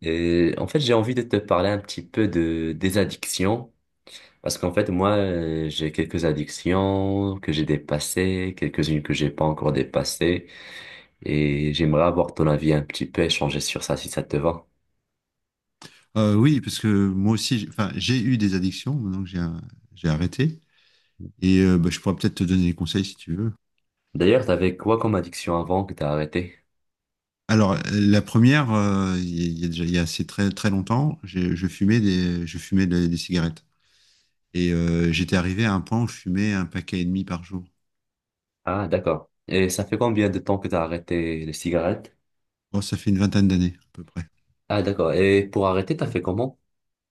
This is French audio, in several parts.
Et en fait, j'ai envie de te parler un petit peu de des addictions parce qu'en fait, moi, j'ai quelques addictions que j'ai dépassées, quelques-unes que j'ai pas encore dépassées et j'aimerais avoir ton avis un petit peu, échanger sur ça si ça te va. Oui, parce que moi aussi, enfin, j'ai eu des addictions maintenant que j'ai arrêté. Et bah, je pourrais peut-être te donner des conseils si tu veux. D'ailleurs, t'avais quoi comme addiction avant que t'as arrêté? Alors, la première, il y a déjà il y a assez très très longtemps, je fumais des cigarettes et j'étais arrivé à un point où je fumais un paquet et demi par jour. Ah, d'accord. Et ça fait combien de temps que t'as arrêté les cigarettes? Bon, ça fait une vingtaine d'années à peu près. Ah, d'accord. Et pour arrêter, t'as fait comment?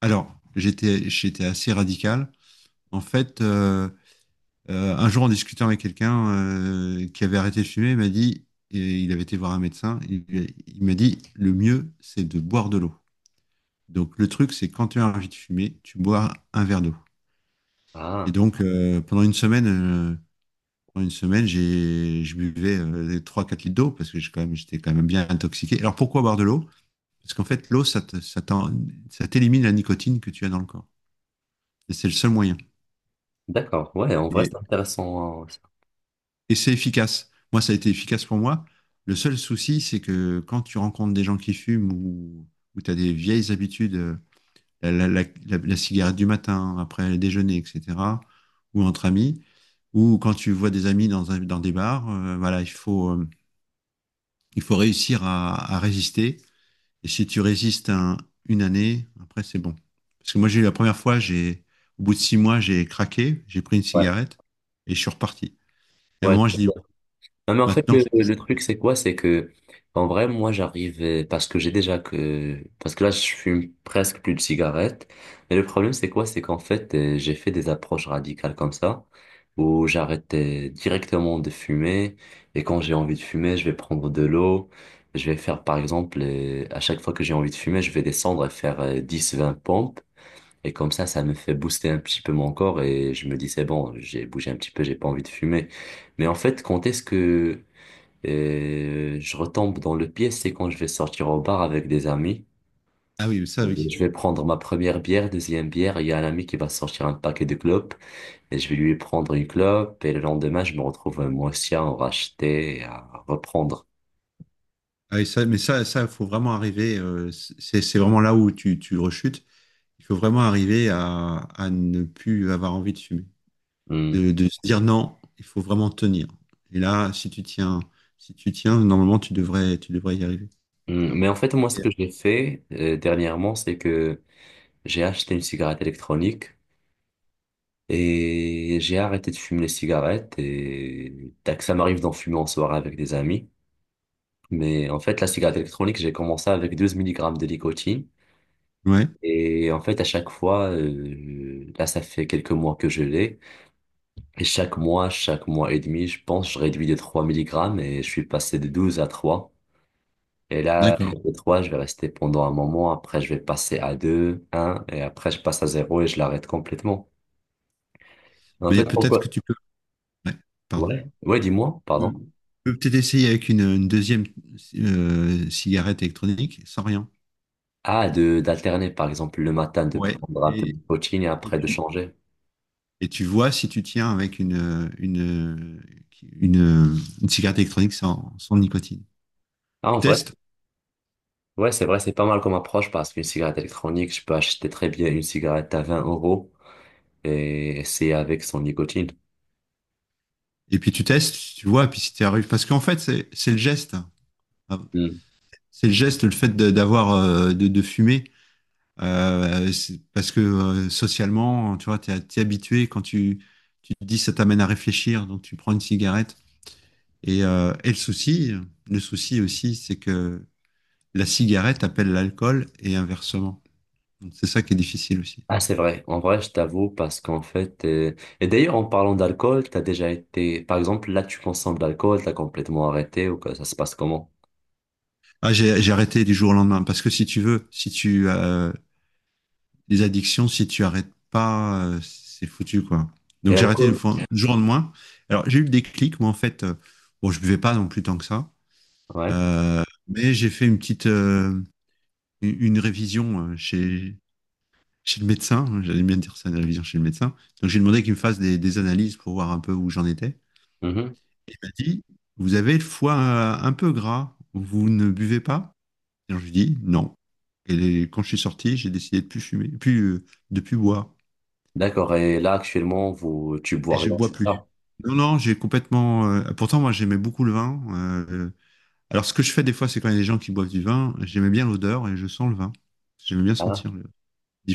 Alors, j'étais assez radical. En fait, un jour, en discutant avec quelqu'un qui avait arrêté de fumer, il m'a dit, et il avait été voir un médecin, il m'a dit, le mieux, c'est de boire de l'eau. Donc le truc, c'est quand tu as envie de fumer, tu bois un verre d'eau. Et Ah, donc pendant une semaine, je buvais 3-4 litres d'eau parce que j'étais quand même bien intoxiqué. Alors pourquoi boire de l'eau? Parce qu'en fait, l'eau, ça t'élimine la nicotine que tu as dans le corps. Et c'est le seul moyen. d'accord. Ouais, en vrai, Et, c'est intéressant, hein, ça. Et c'est efficace. Moi, ça a été efficace pour moi. Le seul souci, c'est que quand tu rencontres des gens qui fument ou tu as des vieilles habitudes, la cigarette du matin, après le déjeuner, etc., ou entre amis, ou quand tu vois des amis dans des bars, voilà, il faut réussir à résister. Et si tu résistes une année, après, c'est bon. Parce que moi, j'ai eu la première fois, au bout de 6 mois, j'ai craqué, j'ai pris une Ouais. cigarette et je suis reparti. Et à un Ouais. moment, je dis, Non, mais en fait, maintenant, le truc, c'est quoi? C'est que, en vrai, moi, j'arrive, parce que j'ai déjà que, parce que là, je fume presque plus de cigarettes. Mais le problème, c'est quoi? C'est qu'en fait, j'ai fait des approches radicales comme ça, où j'arrête directement de fumer. Et quand j'ai envie de fumer, je vais prendre de l'eau. Je vais faire, par exemple, à chaque fois que j'ai envie de fumer, je vais descendre et faire 10, 20 pompes. Et comme ça me fait booster un petit peu mon corps et je me dis, c'est bon, j'ai bougé un petit peu, j'ai pas envie de fumer. Mais en fait, quand est-ce que et je retombe dans le piège, c'est quand je vais sortir au bar avec des amis. ah oui, ça, oui. Je vais prendre ma première bière, deuxième bière. Il y a un ami qui va sortir un paquet de clopes et je vais lui prendre une clope. Et le lendemain, je me retrouve moi aussi à en racheter, et à reprendre. Ah, et ça, faut vraiment arriver. C'est vraiment là où tu rechutes. Il faut vraiment arriver à ne plus avoir envie de fumer, Hmm. De se dire non. Il faut vraiment tenir. Et là, si tu tiens, normalement, tu devrais y arriver. Hmm. Mais en fait, moi, ce que j'ai fait dernièrement, c'est que j'ai acheté une cigarette électronique et j'ai arrêté de fumer les cigarettes et tac, ça m'arrive d'en fumer en soirée avec des amis. Mais en fait, la cigarette électronique, j'ai commencé avec 12 milligrammes de nicotine. Ouais, Et en fait, à chaque fois, là, ça fait quelques mois que je l'ai. Et chaque mois et demi, je pense, je réduis de 3 milligrammes et je suis passé de 12 à trois. Et là, d'accord. de 3 je vais rester pendant un moment. Après, je vais passer à deux un et après, je passe à zéro et je l'arrête complètement. En Mais fait, peut-être que pourquoi? tu peux. Ouais, pardon. Ouais, ouais, dis-moi, Tu pardon. peux tu peux peut-être essayer avec une deuxième cigarette électronique sans rien. Ah, de, d'alterner, par exemple, le matin, de Ouais. prendre un peu de Et, nicotine et et après de tu, changer. Et tu vois si tu tiens avec une cigarette électronique sans nicotine. Ah, Tu en vrai. testes, Ouais, c'est vrai, c'est pas mal comme approche parce qu'une cigarette électronique, je peux acheter très bien une cigarette à 20 euros et c'est avec son nicotine. et puis tu testes, tu vois, et puis si tu arrives. Parce qu'en fait, c'est le geste. Hmm. C'est le geste, le fait d'avoir, de fumer. Parce que socialement, tu vois, t'es habitué quand tu te dis ça t'amène à réfléchir, donc tu prends une cigarette. Et le souci aussi, c'est que la cigarette appelle l'alcool et inversement. Donc c'est ça qui est difficile aussi. Ah, c'est vrai. En vrai, je t'avoue parce qu'en fait, et d'ailleurs, en parlant d'alcool, t'as déjà été, par exemple, là, tu consommes de l'alcool, t'as complètement arrêté ou que ça se passe comment? Ah, j'ai arrêté du jour au lendemain parce que si tu veux, si tu les addictions, si tu arrêtes pas, c'est foutu quoi. Et Donc j'ai arrêté l'alcool? Du jour au lendemain. Alors j'ai eu le déclic, moi en fait, bon je buvais pas non plus tant que ça, Ouais. euh, mais j'ai fait une petite une révision chez le médecin, hein. J'allais bien dire ça, une révision chez le médecin. Donc j'ai demandé qu'il me fasse des analyses pour voir un peu où j'en étais. Mhm. Il m'a dit, vous avez le foie un peu gras, vous ne buvez pas? Et donc, je lui dis non. Et quand je suis sorti, j'ai décidé de plus fumer, de plus boire. D'accord. Et là, actuellement, vous, tu Et bois je rien, bois c'est plus. ça? Non, non, j'ai complètement. Pourtant, moi, j'aimais beaucoup le vin. euh, alors, ce que je fais des fois, c'est quand il y a des gens qui boivent du vin, j'aimais bien l'odeur et je sens le vin. J'aimais bien Ah. sentir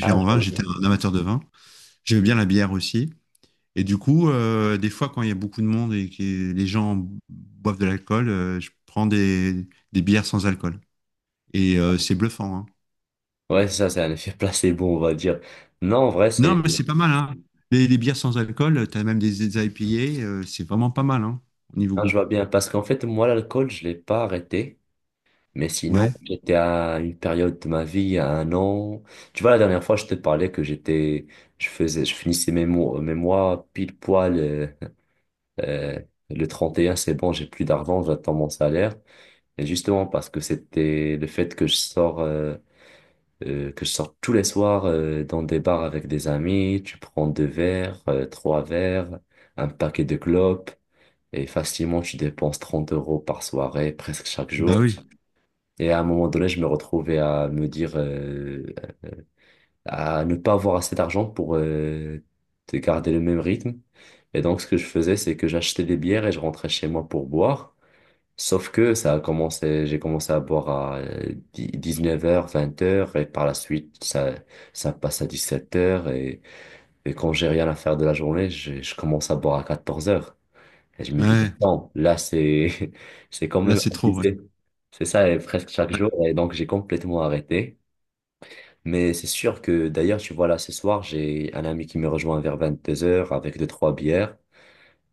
Ah, je vins. vois bien. J'étais un amateur de vin. J'aimais bien la bière aussi. Et du coup, des fois, quand il y a beaucoup de monde et que les gens boivent de l'alcool, je prends des bières sans alcool. Et c'est bluffant, hein. Ouais, ça, c'est un effet placebo, on va dire. Non, en vrai, Non, c'est, mais c'est pas mal, hein. Les bières sans alcool, t'as même des IPA, c'est vraiment pas mal, hein, au niveau ah, je goût. vois bien parce qu'en fait, moi, l'alcool, je l'ai pas arrêté. Mais sinon, Ouais, j'étais à une période de ma vie, à un an. Tu vois, la dernière fois, je te parlais que j'étais, je faisais, je finissais mes mois pile poil, euh, le 31 c'est bon, j'ai plus d'argent, j'attends mon salaire. Et justement, parce que c'était le fait que que je sors tous les soirs, dans des bars avec des amis, tu prends deux verres, trois verres, un paquet de clopes, et facilement, tu dépenses 30 euros par soirée, presque chaque bah jour. oui. Et à un moment donné, je me retrouvais à me dire, à ne pas avoir assez d'argent pour de garder le même rythme. Et donc, ce que je faisais, c'est que j'achetais des bières et je rentrais chez moi pour boire. Sauf que ça a commencé, j'ai commencé à boire à 19 heures 20 heures et par la suite, ça passe à 17 heures. Et quand j'ai rien à faire de la journée, je commence à boire à 14 heures et je me dis, Ouais, non, là, c'est, c'est quand là, même c'est trop, ouais. abusé. C'est ça, et presque chaque Ouais. jour. Et donc, j'ai complètement arrêté. Mais c'est sûr que, d'ailleurs, tu vois, là, ce soir, j'ai un ami qui me rejoint vers 22 heures avec deux, trois bières.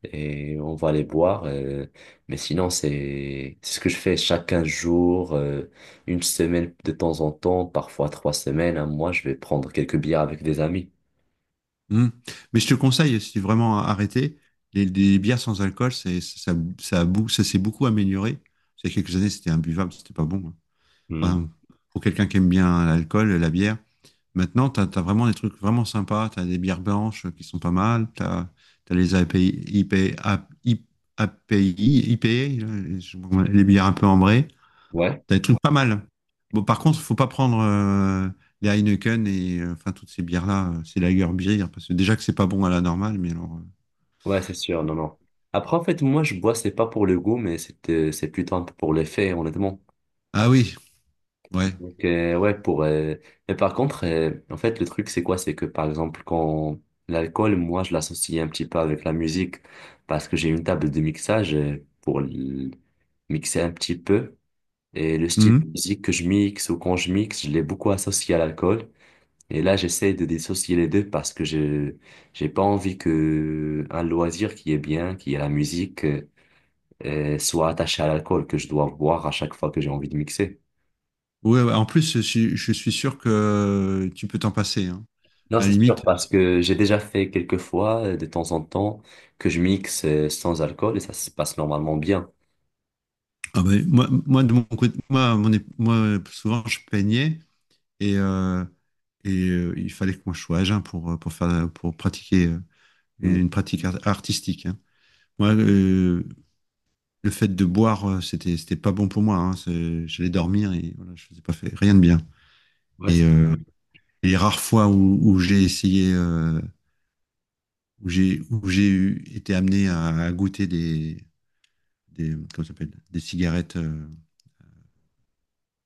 Et on va les boire. Mais sinon, c'est ce que je fais chaque 15 jours, une semaine de temps en temps, parfois trois semaines, un mois, je vais prendre quelques bières avec des amis. Mm. Mais je te conseille, si vraiment arrêté, les bières sans alcool, c'est, ça, a bou- ça s'est beaucoup amélioré. Il y a quelques années, c'était imbuvable, c'était pas bon, hein. Hmm. Enfin, pour quelqu'un qui aime bien l'alcool, la bière, maintenant, tu as vraiment des trucs vraiment sympas. Tu as des bières blanches qui sont pas mal. Tu as les API, IP, A- I- API, IPA, les bières un peu ambrées. Ouais. Tu as des trucs pas mal. Bon, par contre, faut pas prendre les Heineken et enfin toutes ces bières-là. C'est lager bière parce que déjà que c'est pas bon à la normale, mais alors. Ouais, c'est sûr, non, non. Après, en fait, moi, je bois, c'est pas pour le goût, mais c'est plutôt un peu pour l'effet, honnêtement. Ah oui, ouais. Donc, ouais, pour... Mais par contre, en fait, le truc, c'est quoi? C'est que, par exemple, quand l'alcool, moi, je l'associe un petit peu avec la musique, parce que j'ai une table de mixage mixer un petit peu, et le style de Mhm. musique que je mixe ou quand je mixe, je l'ai beaucoup associé à l'alcool. Et là, j'essaie de dissocier les deux parce que je j'ai pas envie que un loisir qui est bien, qui est la musique, soit attaché à l'alcool que je dois boire à chaque fois que j'ai envie de mixer. Ouais, ouais. En plus, je suis sûr que tu peux t'en passer, hein. Non, À la c'est, ouais, limite, sûr, parce que j'ai déjà fait quelques fois, de temps en temps, que je mixe sans alcool et ça se passe normalement bien. ah ben, moi, de mon côté, moi, moi, souvent, je peignais. Et, euh, et il fallait que moi je sois à jeun pour pratiquer une Mm. une pratique artistique, hein. Moi, le fait de boire, c'était pas bon pour moi, hein. J'allais dormir et voilà, je faisais pas fait, rien de bien. Ouais, Et les rares fois où j'ai essayé, où j'ai été amené à goûter comment ça s'appelle, des cigarettes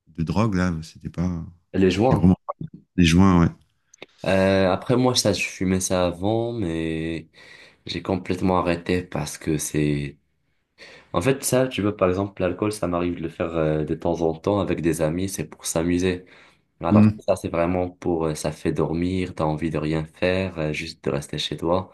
de drogue, là, c'était pas, les j'étais joints. vraiment des joints, ouais. Après, moi, ça, je fumais ça avant, mais j'ai complètement arrêté parce que c'est... En fait, ça, tu vois, par exemple, l'alcool, ça m'arrive de le faire de temps en temps avec des amis, c'est pour s'amuser. Alors Hmm. que ça, c'est vraiment pour... ça fait dormir, t'as envie de rien faire, juste de rester chez toi.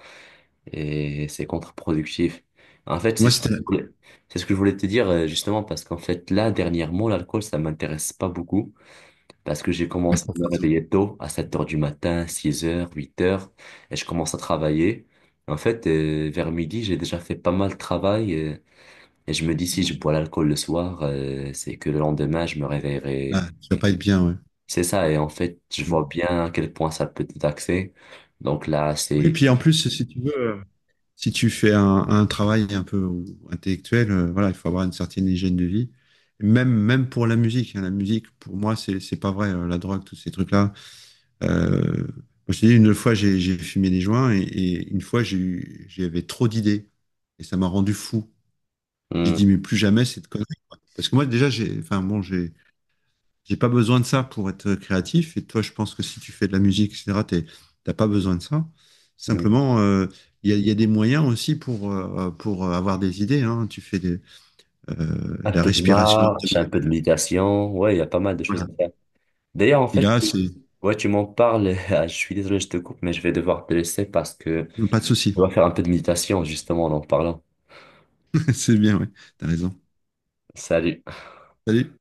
Et c'est contre-productif. En fait, Moi, c'était, c'est ce que je voulais te dire justement parce qu'en fait, là, dernièrement, l'alcool, ça m'intéresse pas beaucoup parce que j'ai commencé à me réveiller tôt, à 7 heures du matin, 6 heures, 8 heures, et je commence à travailler. En fait, vers midi, j'ai déjà fait pas mal de travail et je me dis si je bois l'alcool le soir, c'est que le lendemain, je me réveillerai. ah, ça va pas être bien, C'est ça, et en fait, je ouais. vois bien à quel point ça peut te taxer. Donc là, Oui, c'est... puis en plus, si tu veux, si tu fais un travail un peu intellectuel, voilà, il faut avoir une certaine hygiène de vie. Même, même pour la musique, hein. La musique, pour moi, c'est pas vrai. La drogue, tous ces trucs-là. Euh, Moi, je te dis, une fois, j'ai fumé des joints et une fois, j'avais trop d'idées et ça m'a rendu fou. J'ai Hmm. dit, mais plus jamais cette connerie, quoi. Parce que moi, déjà, enfin, bon, j'ai pas besoin de ça pour être créatif. Et toi, je pense que si tu fais de la musique, etc., t'as pas besoin de ça. Hmm. Simplement, il y a des moyens aussi pour avoir des idées, hein. Tu fais euh, de Un la peu de respiration marche, un abdominale. peu de méditation. Ouais, il y a pas mal de choses Voilà. à faire. D'ailleurs, en Et fait, là, c'est ouais, tu m'en parles. Ah, je suis désolé, je te coupe, mais je vais devoir te laisser parce que pas de je souci. dois faire un peu de méditation, justement, en parlant. C'est bien, ouais. T'as raison. Salut. Salut.